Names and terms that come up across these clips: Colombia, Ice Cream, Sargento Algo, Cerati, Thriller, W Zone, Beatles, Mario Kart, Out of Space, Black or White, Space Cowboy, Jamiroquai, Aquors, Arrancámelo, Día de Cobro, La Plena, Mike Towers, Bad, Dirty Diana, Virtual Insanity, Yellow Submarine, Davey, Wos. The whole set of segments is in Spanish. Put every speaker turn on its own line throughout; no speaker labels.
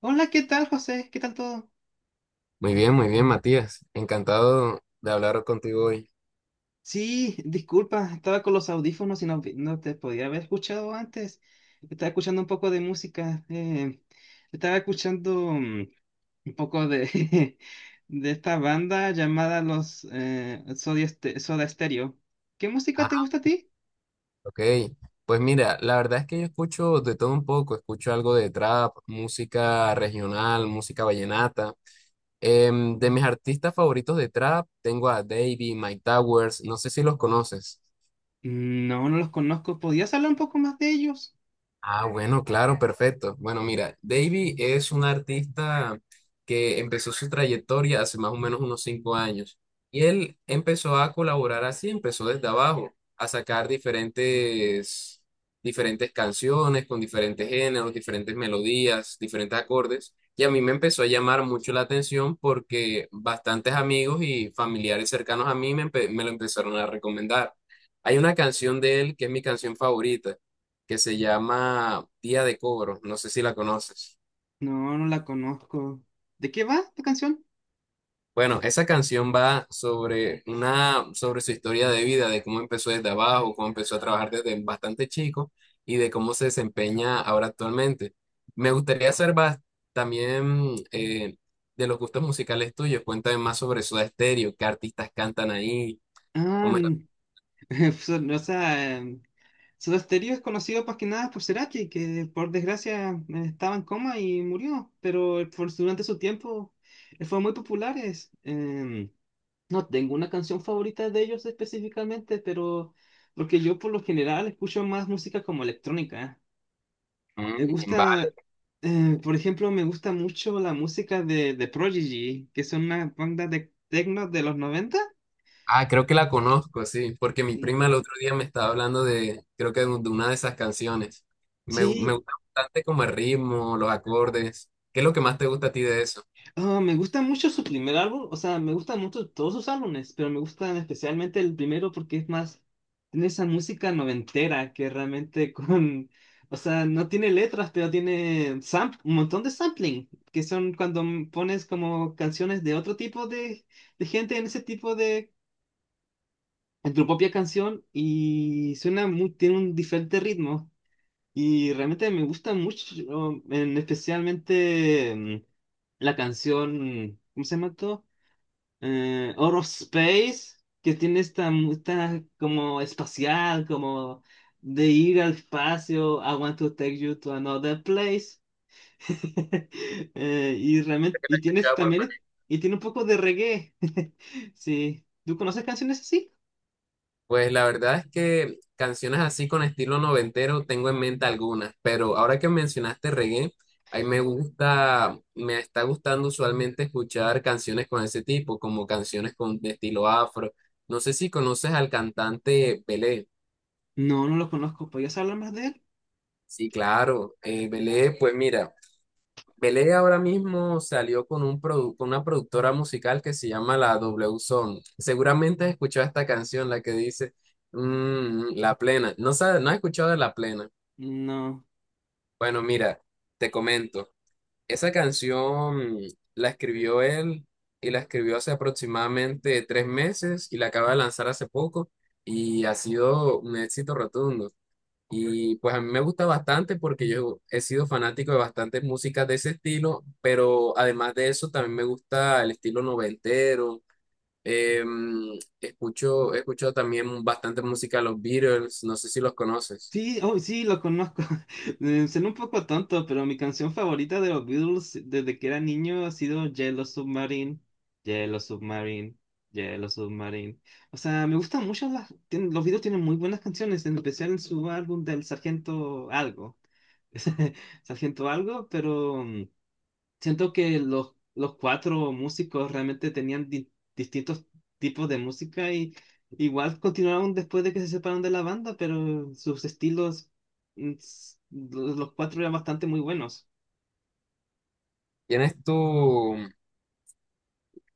Hola, ¿qué tal, José? ¿Qué tal todo?
Muy bien, Matías. Encantado de hablar contigo hoy.
Sí, disculpa, estaba con los audífonos y no, no te podía haber escuchado antes. Estaba escuchando un poco de música. Estaba escuchando un poco de, de esta banda llamada los Soda, Soda Stereo. ¿Qué música te
Ah,
gusta a ti?
ok. Pues mira, la verdad es que yo escucho de todo un poco. Escucho algo de trap, música regional, música vallenata. De mis artistas favoritos de trap, tengo a Davey, Mike Towers. No sé si los conoces.
No, no los conozco. ¿Podrías hablar un poco más de ellos?
Ah, bueno, claro, perfecto. Bueno, mira, Davy es un artista que empezó su trayectoria hace más o menos unos 5 años y él empezó a colaborar así, empezó desde abajo, a sacar diferentes, diferentes canciones con diferentes géneros, diferentes melodías, diferentes acordes y a mí me empezó a llamar mucho la atención porque bastantes amigos y familiares cercanos a mí me lo empezaron a recomendar. Hay una canción de él que es mi canción favorita que se llama Día de Cobro, no sé si la conoces.
No, no la conozco. ¿De qué va esta canción?
Bueno, esa canción va sobre una, sobre su historia de vida, de cómo empezó desde abajo, cómo empezó a trabajar desde bastante chico y de cómo se desempeña ahora actualmente. Me gustaría saber también, de los gustos musicales tuyos. Cuéntame más sobre Soda Stereo, qué artistas cantan ahí,
Ah,
cómo es la-
n- o sea, Soda Stereo es conocido más que nada por Cerati, que por desgracia estaba en coma y murió, pero durante su tiempo fue muy populares. No tengo una canción favorita de ellos específicamente, pero porque yo por lo general escucho más música como electrónica. Me
Mm.
gusta, por ejemplo, me gusta mucho la música de Prodigy, que son una banda de techno de los noventa.
Ah, creo que la conozco, sí, porque mi
Sí.
prima el otro día me estaba hablando de, creo que de una de esas canciones. Me
Sí,
gusta bastante como el ritmo, los acordes. ¿Qué es lo que más te gusta a ti de eso?
ah, me gusta mucho su primer álbum, o sea, me gustan mucho todos sus álbumes, pero me gustan especialmente el primero porque es más, tiene esa música noventera que realmente con, o sea, no tiene letras, pero tiene un montón de sampling, que son cuando pones como canciones de otro tipo de gente en ese tipo de, en tu propia canción y suena muy, tiene un diferente ritmo y realmente me gusta mucho, en, especialmente la canción, ¿cómo se llama todo? Out of Space, que tiene esta, esta como espacial, como de ir al espacio, I want to take you to another place. Y realmente, y tienes
Escuchado por
también,
películas.
y tiene un poco de reggae. Sí. ¿Tú conoces canciones así?
Pues la verdad es que canciones así con estilo noventero tengo en mente algunas, pero ahora que mencionaste reggae, ahí me gusta, me está gustando usualmente escuchar canciones con ese tipo, como canciones con de estilo afro. No sé si conoces al cantante Pelé.
No, no lo conozco. ¿Podrías hablar más de él?
Sí, claro. Belé, pues mira, Belé ahora mismo salió con un con una productora musical que se llama la W Zone. Seguramente has escuchado esta canción, la que dice La Plena. No sabes, no has escuchado de La Plena.
No.
Bueno, mira, te comento. Esa canción la escribió él y la escribió hace aproximadamente 3 meses y la acaba de lanzar hace poco y ha sido un éxito rotundo. Y pues a mí me gusta bastante porque yo he sido fanático de bastantes músicas de ese estilo, pero además de eso también me gusta el estilo noventero. Eh, escucho también bastante música de los Beatles, no sé si los conoces.
Sí, oh, sí, lo conozco. Suena un poco tonto, pero mi canción favorita de los Beatles desde que era niño ha sido Yellow Submarine, Yellow Submarine, Yellow Submarine. O sea, me gustan mucho las... Los Beatles tienen muy buenas canciones, en especial en su álbum del Sargento Algo. Sargento Algo, pero... siento que los cuatro músicos realmente tenían distintos tipos de música y igual continuaron después de que se separaron de la banda, pero sus estilos, los cuatro eran bastante muy buenos.
¿Quién es tu,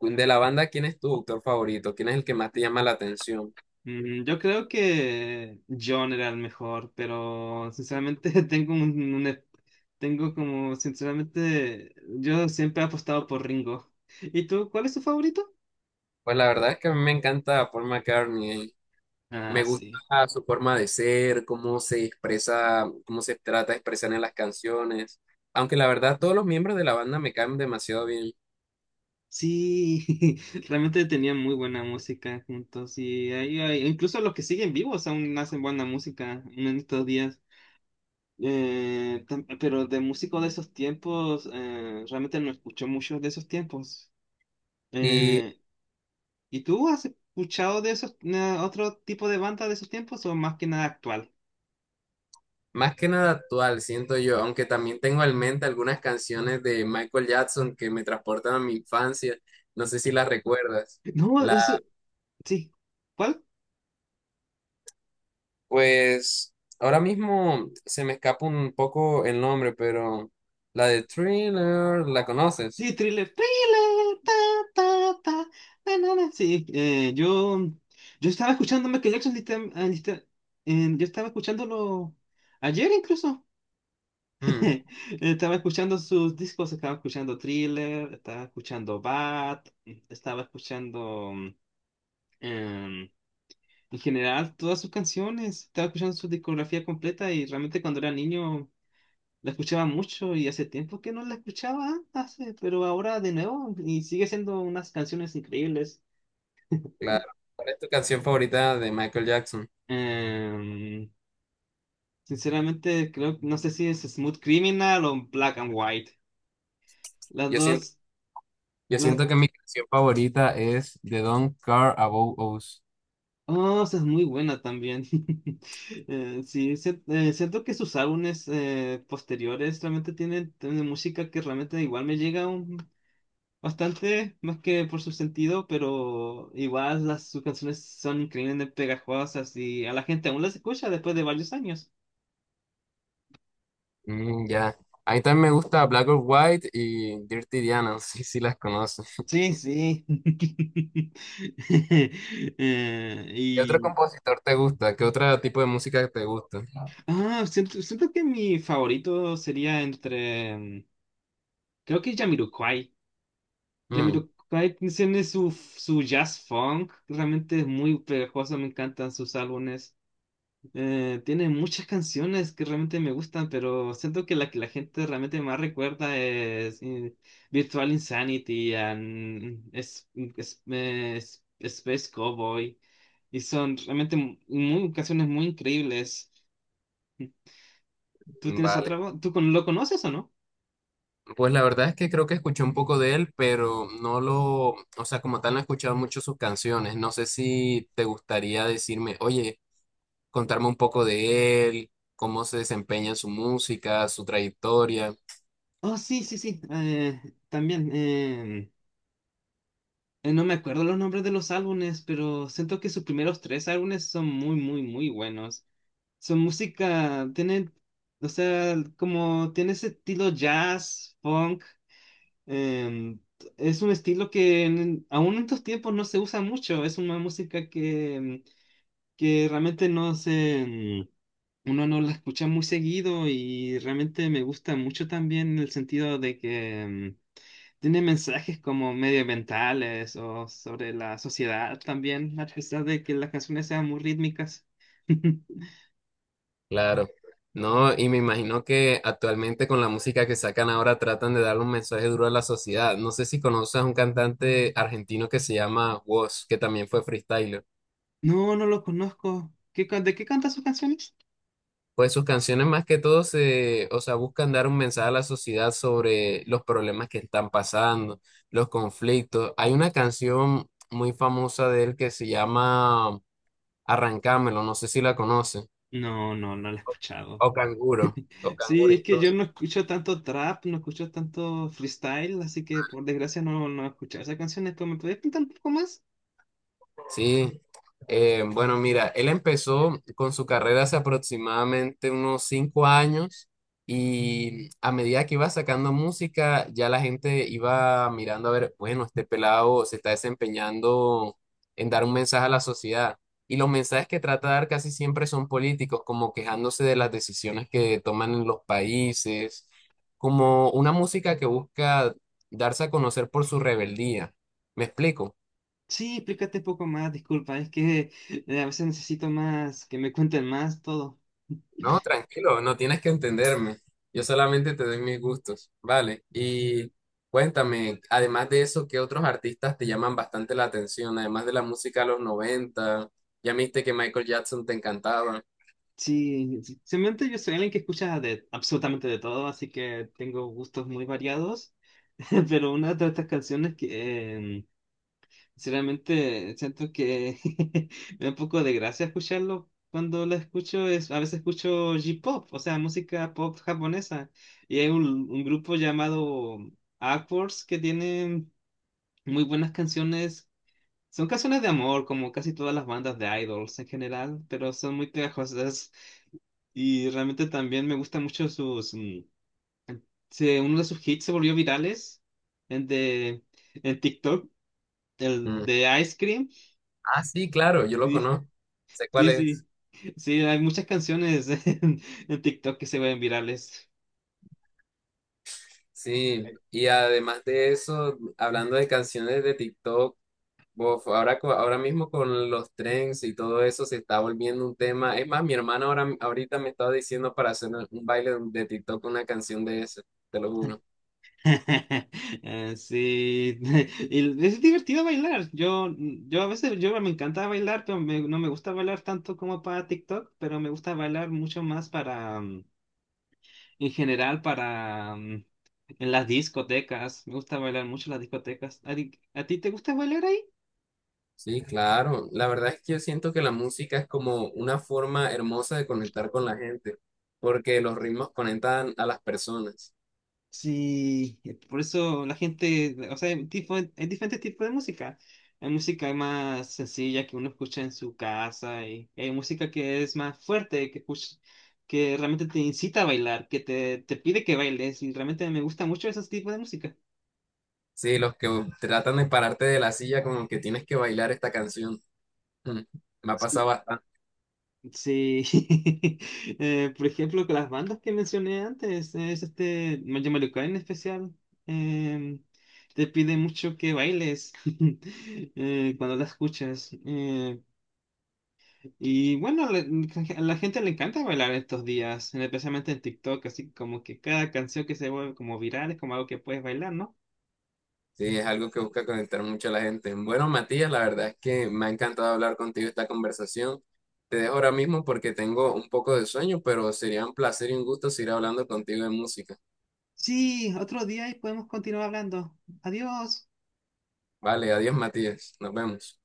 de la banda, quién es tu autor favorito? ¿Quién es el que más te llama la atención?
Mm, yo creo que John era el mejor, pero sinceramente tengo tengo como, sinceramente, yo siempre he apostado por Ringo. ¿Y tú, cuál es tu favorito?
Pues la verdad es que a mí me encanta Paul McCartney.
Ah,
Me gusta
sí.
su forma de ser, cómo se expresa, cómo se trata de expresar en las canciones. Aunque la verdad todos los miembros de la banda me caen demasiado bien.
Sí, realmente tenían muy buena música juntos y incluso los que siguen vivos aún hacen buena música en estos días. Pero de músicos de esos tiempos, realmente no escucho mucho de esos tiempos.
Y
Eh, ¿Y tú has escuchado de esos otro tipo de banda de esos tiempos o más que nada actual?
más que nada actual, siento yo, aunque también tengo en mente algunas canciones de Michael Jackson que me transportan a mi infancia. No sé si las recuerdas.
No, eso
La,
sí. ¿Cuál?
pues ahora mismo se me escapa un poco el nombre, pero la de Thriller, ¿la
Sí,
conoces?
thriller, thriller, ta, ta, ta, na, na, na. Sí, yo estaba escuchando Michael Jackson, yo estaba escuchándolo ayer incluso.
Mm,
Estaba escuchando sus discos, estaba escuchando Thriller, estaba escuchando Bad, estaba escuchando em, en general todas sus canciones, estaba escuchando su discografía completa y realmente cuando era niño la escuchaba mucho y hace tiempo que no la escuchaba, hace, pero ahora de nuevo y sigue siendo unas canciones increíbles.
claro. ¿Cuál es tu canción favorita de Michael Jackson?
Em, Sinceramente, creo, no sé si es Smooth Criminal o Black and White. Las
Yo siento,
dos,
yo
las
siento que mi canción favorita es The Don't Care About Us.
dos es muy buena también. Sí, Siento que sus álbumes posteriores realmente tienen, tienen música que realmente igual me llega bastante, más que por su sentido, pero igual las, sus canciones son increíblemente pegajosas y a la gente aún las escucha después de varios años.
Mm, ya. A mí también me gusta Black or White y Dirty Diana, no sé si las conoces.
Sí, sí. Eh,
¿Qué otro
y
compositor te gusta? ¿Qué otro tipo de música te gusta?
ah, siento, siento que mi favorito sería entre creo que Jamiroquai.
Mm,
Jamiroquai tiene su, su jazz funk, realmente es muy pegajoso, me encantan sus álbumes. Tiene muchas canciones que realmente me gustan, pero siento que la gente realmente más recuerda es Virtual Insanity, and es, Space Cowboy, y son realmente muy, canciones muy increíbles. ¿Tú tienes
vale.
otra? Voz ¿Tú lo conoces o no?
Pues la verdad es que creo que escuché un poco de él, pero no lo, o sea, como tal no he escuchado mucho sus canciones. No sé si te gustaría decirme, oye, contarme un poco de él, cómo se desempeña en su música, su trayectoria.
Oh, sí, sí, sí. También, eh, no me acuerdo los nombres de los álbumes, pero siento que sus primeros tres álbumes son muy, muy, muy buenos. Su música tiene, o sea, como tiene ese estilo jazz, funk. em, es un estilo que aún en estos tiempos no se usa mucho. Es una música que, que realmente no se, uno no la escucha muy seguido y realmente me gusta mucho también en el sentido de que tiene mensajes como medioambientales o sobre la sociedad también, a pesar de que las canciones sean muy rítmicas.
Claro, no, y me imagino que actualmente con la música que sacan ahora tratan de darle un mensaje duro a la sociedad. No sé si conoces a un cantante argentino que se llama Wos, que también fue freestyler.
No, no lo conozco. ¿De qué canta sus canciones?
Pues sus canciones más que todo se, o sea, buscan dar un mensaje a la sociedad sobre los problemas que están pasando, los conflictos. Hay una canción muy famosa de él que se llama Arrancámelo, no sé si la conoces,
No, no, no la he escuchado.
o Canguro, o
Sí,
Canguro
es que yo
incluso.
no escucho tanto trap, no escucho tanto freestyle, así que por desgracia no, no he escuchado esas canciones. ¿Pero me puedes contar un poco más?
Sí, bueno, mira, él empezó con su carrera hace aproximadamente unos 5 años y a medida que iba sacando música, ya la gente iba mirando a ver, bueno, este pelado se está desempeñando en dar un mensaje a la sociedad. Y los mensajes que trata de dar casi siempre son políticos, como quejándose de las decisiones que toman en los países, como una música que busca darse a conocer por su rebeldía. ¿Me explico?
Sí, explícate un poco más, disculpa, es que a veces necesito más, que me cuenten más todo.
No, tranquilo, no tienes que entenderme. Yo solamente te doy mis gustos, ¿vale? Y cuéntame, además de eso, ¿qué otros artistas te llaman bastante la atención? Además de la música de los 90. Ya viste que Michael Jackson te encantaba.
Sí, sí, simplemente yo soy alguien que escucha de absolutamente de todo, así que tengo gustos muy variados, pero una de estas canciones que, sinceramente, siento que me da un poco de gracia escucharlo. Cuando lo escucho, es, a veces escucho J-pop, o sea, música pop japonesa. Y hay un grupo llamado Aquors que tiene muy buenas canciones. Son canciones de amor, como casi todas las bandas de idols en general, pero son muy pegajosas. Y realmente también me gustan mucho sus... uno de sus hits se volvió virales en, de, en TikTok, el
Mm.
de Ice Cream.
Ah, sí, claro, yo lo conozco. Sé cuál
Sí,
es.
sí. Sí, hay muchas canciones en TikTok que se ven virales.
Sí, y además de eso, hablando de canciones de TikTok, uf, ahora mismo con los trends y todo eso se está volviendo un tema. Es más, mi hermana ahora, ahorita me estaba diciendo para hacer un baile de TikTok una canción de eso, te lo juro.
Sí, y es divertido bailar. Yo a veces yo me encanta bailar, pero no me gusta bailar tanto como para TikTok, pero me gusta bailar mucho más para, en general, para en las discotecas. Me gusta bailar mucho en las discotecas. A ti te gusta bailar?
Sí, claro. La verdad es que yo siento que la música es como una forma hermosa de conectar con la gente, porque los ritmos conectan a las personas.
Sí, por eso la gente, o sea, hay, hay diferentes tipos de música. Hay música más sencilla que uno escucha en su casa y hay música que es más fuerte, que realmente te incita a bailar, que te pide que bailes y realmente me gusta mucho ese tipo de música.
Sí, los que tratan de pararte de la silla como que tienes que bailar esta canción. Mm, Me ha pasado.
Sí, eh, por ejemplo, con las bandas que mencioné antes, es este Mayo Mario Kart en especial, eh, te pide mucho que bailes cuando la escuchas. Bueno, a la gente le encanta bailar estos días, especialmente en TikTok, así como que cada canción que se vuelve como viral es como algo que puedes bailar, ¿no?
Sí, es algo que busca conectar mucho a la gente. Bueno, Matías, la verdad es que me ha encantado hablar contigo esta conversación. Te dejo ahora mismo porque tengo un poco de sueño, pero sería un placer y un gusto seguir hablando contigo de música.
Sí, otro día y podemos continuar hablando. Adiós.
Vale, adiós, Matías. Nos vemos.